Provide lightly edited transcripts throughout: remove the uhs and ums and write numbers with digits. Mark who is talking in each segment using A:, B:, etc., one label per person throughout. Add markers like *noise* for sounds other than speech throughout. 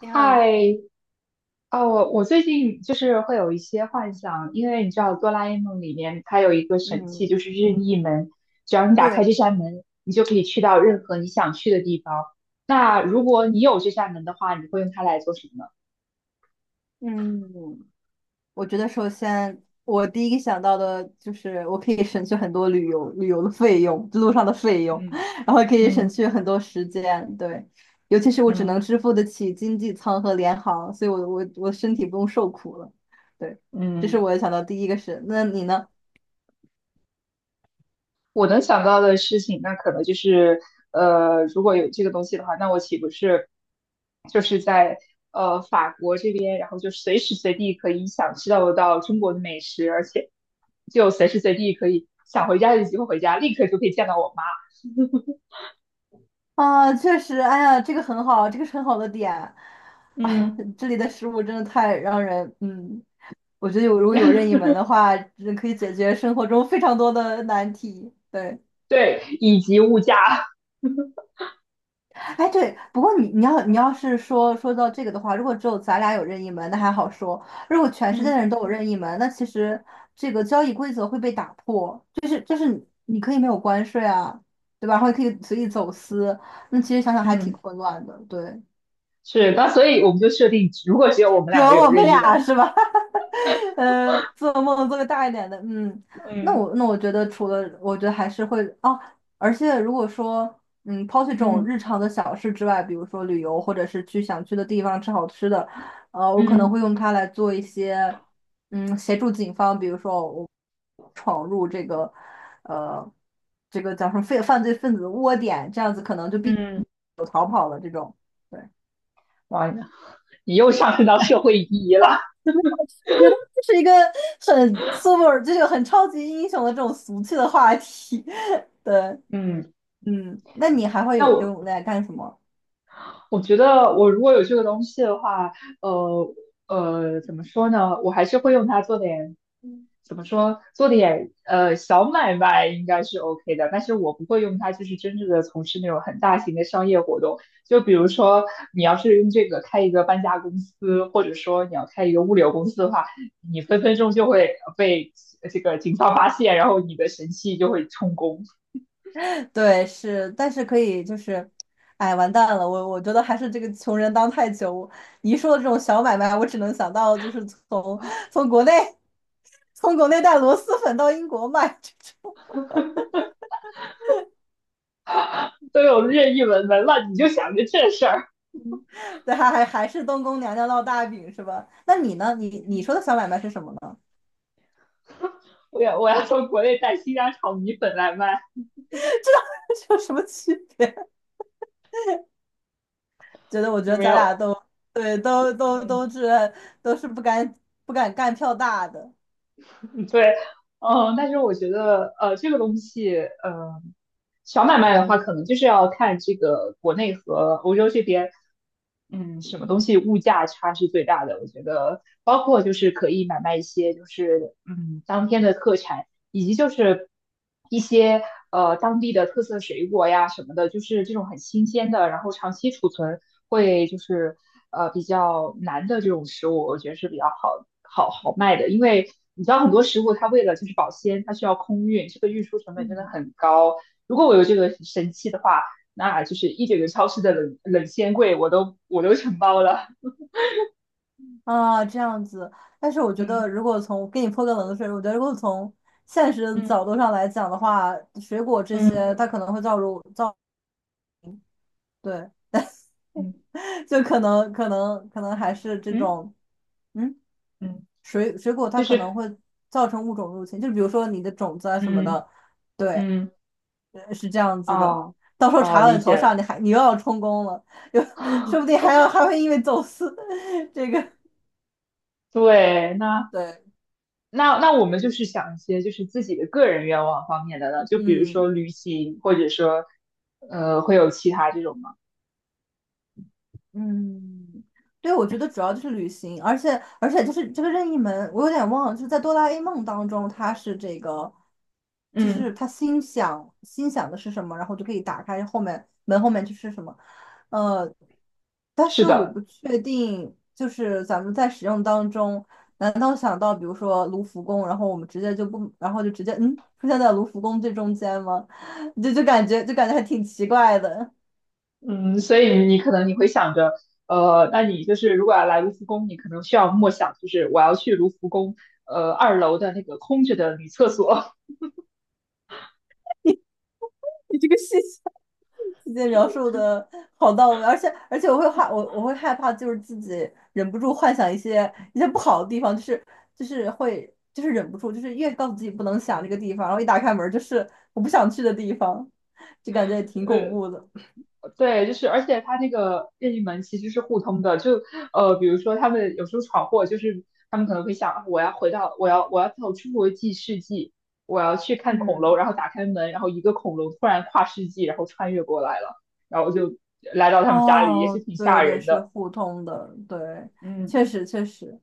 A: 你好，
B: 太啊，我最近就是会有一些幻想，因为你知道《哆啦 A 梦》里面它有一个神器，就
A: 嗯，
B: 是任意门，只要你打开
A: 对，
B: 这扇门，你就可以去到任何你想去的地方。那如果你有这扇门的话，你会用它来做什么呢？
A: 嗯，我觉得首先我第一个想到的就是我可以省去很多旅游的费用，路上的费用，
B: 嗯
A: *laughs* 然后可以省
B: 嗯
A: 去很多时间，对，尤其是我只
B: 嗯
A: 能支付得起经济舱和联航，所以我身体不用受苦了，对，这是
B: 嗯，
A: 我想到第一个是，那你呢？
B: 我能想到的事情，那可能就是，如果有这个东西的话，那我岂不是就是在法国这边，然后就随时随地可以享受到中国的美食，而且就随时随地可以想回家就机会回家，立刻就可以见到我妈。
A: 啊，确实，哎呀，这个很好，这个是很好的点，哎
B: 嗯
A: 这里的食物真的太让人，嗯。我觉得如果有任意
B: *laughs*
A: 门的话，真可以解决生活中非常多的难题。对，
B: 对，以及物价 *laughs*
A: 哎对，不过你你要你要是说到这个的话，如果只有咱俩有任意门，那还好说；如果全世界的
B: 嗯
A: 人都有任意门，那其实这个交易规则会被打破，就是你可以没有关税啊，对吧？然后也可以随意走私，那其实想想还挺
B: 嗯，
A: 混乱的。对，
B: 是，那所以我们就设定，如果只有我
A: *laughs*
B: 们
A: 有
B: 两个有
A: 我们
B: 任意
A: 俩
B: 门，
A: 是吧？做梦做个大一点的，嗯，
B: *laughs*
A: 那
B: 嗯，
A: 我那我觉得除了，我觉得还是会哦，而且如果说，抛弃这种
B: 嗯
A: 日常的小事之外，比如说旅游，或者是去想去的地方吃好吃的，我可能会
B: 嗯
A: 用它来做一些，协助警方，比如说我闯入这个，呃，这个叫什么犯罪分子的窝点，这样子可能就必
B: 嗯，
A: 有逃跑了这种。对。
B: 哇，你又上升到社会意义了。
A: 我觉得这是一个很 super,就是很超级英雄的这种俗气的话题。*laughs* 对，
B: 嗯，
A: 嗯，那你还会
B: 那
A: 有
B: 我
A: 用来干什么？
B: 我觉得我如果有这个东西的话，呃怎么说呢？我还是会用它做点，怎么说，做点小买卖应该是 OK 的，但是我不会用它，就是真正的从事那种很大型的商业活动。就比如说，你要是用这个开一个搬家公司，或者说你要开一个物流公司的话，你分分钟就会被这个警方发现，然后你的神器就会充公，
A: 对，是，但是可以就是，哎，完蛋了，我觉得还是这个穷人当太久。你一说的这种小买卖，我只能想到就是从国内从国内带螺蛳粉到英国卖，这
B: 都有任意门了，你就想着这事儿。
A: 对，还是东宫娘娘烙大饼是吧？那你呢？你说的小买卖是什么呢？
B: 我要从国内带新疆炒米粉来卖，
A: *laughs* 这有什么区别？我觉得
B: 没
A: 咱
B: 有，
A: 俩都对，都都
B: 嗯
A: 都是都是不敢干票大的
B: 对，嗯，但是我觉得这个东西，小买卖的话，可能就是要看这个国内和欧洲这边，嗯，什么东西物价差是最大的。我觉得，包括就是可以买卖一些就是嗯当天的特产，以及就是一些当地的特色水果呀什么的，就是这种很新鲜的，然后长期储存会就是比较难的这种食物，我觉得是比较好卖的，因为你知道很多食物它为了就是保鲜，它需要空运，这个运输成本真的
A: 嗯，
B: 很高。如果我有这个神器的话，那就是一整个超市的冷鲜柜我都承包了。
A: 啊，这样子。但是我觉得，
B: 嗯
A: 如果从给你泼个冷水，我觉得如果从现实的
B: 嗯
A: 角度上来讲的话，水果这些
B: 嗯
A: 它可能会造入造，对，
B: 嗯
A: *laughs* 就可能还是这
B: 嗯
A: 种，嗯，
B: 嗯，
A: 水果它
B: 就
A: 可能
B: 是
A: 会造成物种入侵，就比如说你的种子啊什么
B: 嗯
A: 的，对。
B: 嗯，
A: 是这样子的。
B: 哦
A: 到时候查
B: 哦
A: 到
B: 理
A: 你头
B: 解了，
A: 上，你又要充公了，又说不定还要
B: *laughs*
A: 还会因为走私 *laughs*，这个
B: 对，那。
A: 对，
B: 那那我们就是想一些就是自己的个人愿望方面的呢，就比如
A: 嗯。
B: 说旅行，或者说，呃，会有其他这种吗？
A: 嗯，对，我觉得主要就是旅行，而且就是这个任意门，我有点忘了，就是在哆啦 A 梦当中，它是这个，就是
B: 嗯，
A: 他心想的是什么，然后就可以打开后面门后面就是什么，呃，但
B: 是
A: 是我
B: 的，
A: 不确定，就是咱们在使用当中，难道想到比如说卢浮宫，然后我们直接就不，然后就直接出现在卢浮宫最中间吗？*laughs* 就感觉还挺奇怪的。
B: 嗯，所以你可能你会想着，那你就是如果要来卢浮宫，你可能需要默想，就是我要去卢浮宫，二楼的那个空着的女厕所，
A: *laughs* 你这个细节描述的好到位，而且我会害怕，就是自己忍不住幻想一些不好的地方，就是会忍不住，就是越告诉自己不能想这个地方，然后一打开门就是我不想去的地方，就感觉也挺
B: *laughs*
A: 恐
B: 呃，
A: 怖的。
B: 对，就是，而且它那个任意门其实是互通的，就比如说他们有时候闯祸，就是他们可能会想，啊我要回到，我要走出国际世纪，我要去看恐龙，
A: 嗯。
B: 然后打开门，然后一个恐龙突然跨世纪，然后穿越过来了，然后就来到他们家里，也是
A: 哦，
B: 挺
A: 对
B: 吓
A: 对，
B: 人
A: 是
B: 的。
A: 互通的，对，
B: 嗯
A: 确实确实，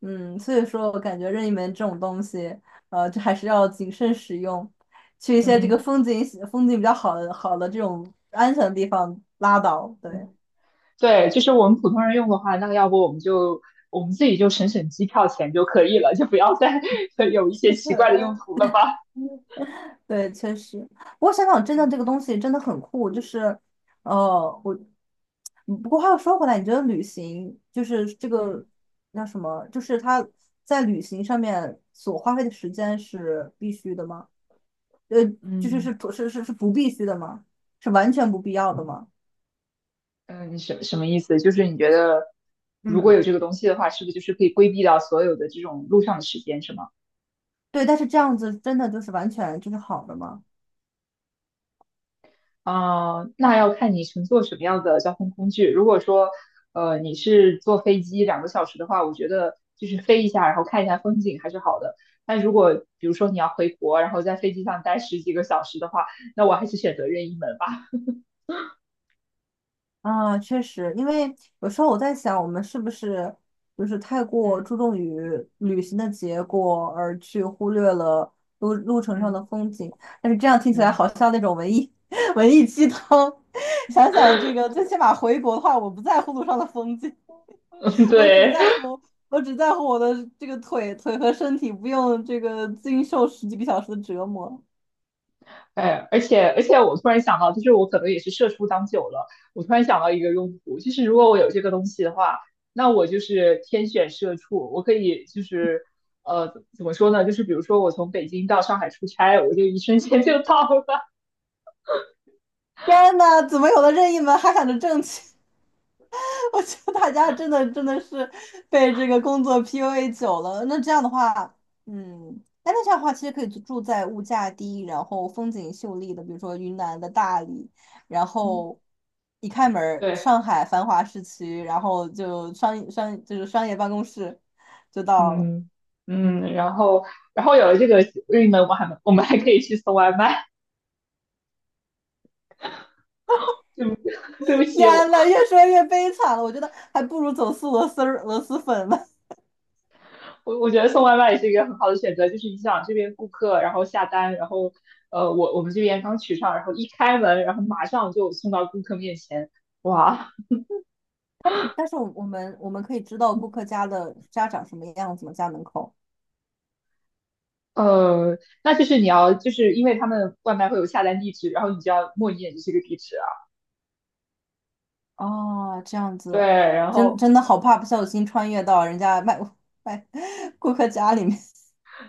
A: 所以说我感觉任意门这种东西，就还是要谨慎使用，去一些这个
B: 嗯，
A: 风景比较好的这种安全的地方拉倒，对。
B: 对，就是我们普通人用的话，那要不我们就我们自己就省机票钱就可以了，就不要再 *laughs* 有一些奇怪的用
A: *laughs*
B: 途了吧。
A: 对，确实。不过香港真的这
B: 嗯
A: 个东西真的很酷，就是，呃，我，不过话又说回来，你觉得旅行就是这
B: 嗯。
A: 个那什么，就是他在旅行上面所花费的时间是必须的吗？呃，就是
B: 嗯
A: 是不是不必须的吗？是完全不必要的吗？
B: 嗯，什么意思？就是你觉得如果
A: 嗯，
B: 有这个东西的话，是不是就是可以规避掉所有的这种路上的时间，是吗？
A: 对。但是这样子真的就是完全就是好的吗？
B: 啊、那要看你乘坐什么样的交通工具。如果说，你是坐飞机2个小时的话，我觉得就是飞一下，然后看一下风景还是好的。但如果比如说你要回国，然后在飞机上待十几个小时的话，那我还是选择任意门吧。
A: 啊，确实，因为有时候我在想，我们是不是就是太过
B: 嗯
A: 注重于旅行的结果，而去忽略了路程上的
B: 嗯，
A: 风景？但是这样听起来
B: 嗯，
A: 好像那种文艺 *laughs* 文艺鸡汤。想想这个，最起码回国的话，我不在乎路上的风景，
B: *laughs*
A: *laughs* 我只
B: 对。
A: 在乎我只在乎我的这个腿和身体，不用这个经受十几个小时的折磨。
B: 哎，而且，我突然想到，就是我可能也是社畜当久了，我突然想到一个用途，就是如果我有这个东西的话，那我就是天选社畜，我可以就是呃，怎么说呢？就是比如说我从北京到上海出差，我就一瞬间就到了。
A: 天呐，怎么有的任意门还喊着挣钱？*laughs* 我觉得大家真的真的是被这个工作 PUA 久了。那这样的话，嗯，哎，那这样的话，其实可以住在物价低，然后风景秀丽的，比如说云南的大理，然
B: 嗯
A: 后一开门儿，
B: 对，
A: 上海繁华市区，然后就商商就是商业办公室就到了。
B: 嗯嗯，然后然后有了这个运能，我们还可以去送外卖。对不 *laughs* 对不起，我
A: 天呐，越说越悲惨了，我觉得还不如走私螺丝儿螺蛳粉呢。
B: 我我觉得送外卖也是一个很好的选择，就是你想这边顾客，然后下单，然后我们这边刚取上，然后一开门，然后马上就送到顾客面前，哇，
A: *laughs* 但是我们可以知道顾客家的家长什么样子吗？家门口。
B: 呃，那就是你要就是因为他们外卖会有下单地址，然后你就要默念这是个地址啊，
A: 哦，这样
B: 对，
A: 子，
B: 然
A: 真
B: 后
A: 真的好怕不小心穿越到人家卖 *laughs* 卖顾客家里面。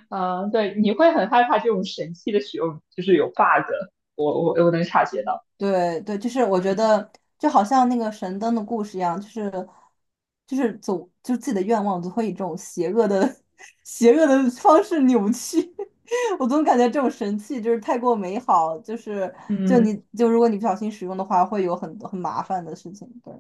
B: 嗯、对，你会很害怕这种神器的使用就是有 bug，我能察觉
A: *laughs*
B: 到，
A: 对对，就是我觉
B: 嗯
A: 得就好像那个神灯的故事一样，就是走，就自己的愿望总会以这种邪恶的 *laughs* 邪恶的方式扭曲。*laughs* 我总感觉这种神器就是太过美好，就是就你
B: 嗯。
A: 就如果你不小心使用的话，会有很多很麻烦的事情。对，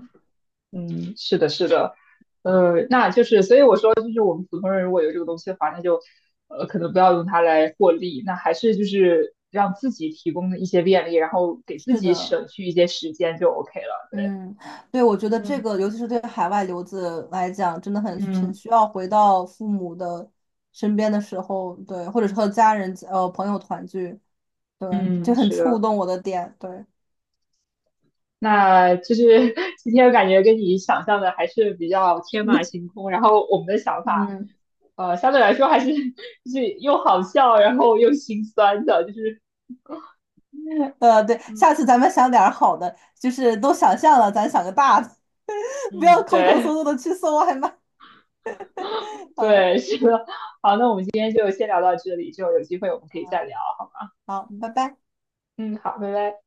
B: 嗯，是的，是的，那就是，所以我说，就是我们普通人如果有这个东西的话，那就，可能不要用它来获利，那还是就是让自己提供一些便利，然后给自
A: 是
B: 己
A: 的。
B: 省去一些时间就 OK 了。对，
A: 嗯，对，我觉得这
B: 嗯
A: 个，尤其是对海外留子来讲，真的很
B: 嗯
A: 需要回到父母的身边的时候，对，或者是和家人、朋友团聚，对，
B: 嗯
A: 就
B: 嗯
A: 很
B: 是
A: 触
B: 的，
A: 动我的点，对，
B: 那就是 *laughs* 今天感觉跟你想象的还是比较天马行
A: *laughs*
B: 空，然后我们的想法，
A: 嗯，
B: 相对来说还是 *laughs* 就是又好笑，然后又心酸的，就是。
A: 对，
B: 嗯
A: 下次咱们想点儿好的，就是都想象了，咱想个大的，*laughs* 不要
B: 嗯，
A: 抠抠搜
B: 对
A: 搜的去搜外卖，*laughs*
B: 对，
A: 嗯，
B: 是的，好，那我们今天就先聊到这里，之后有机会我们可以再聊，好吗？
A: 好，
B: 嗯
A: 拜拜。
B: 嗯，好，拜拜。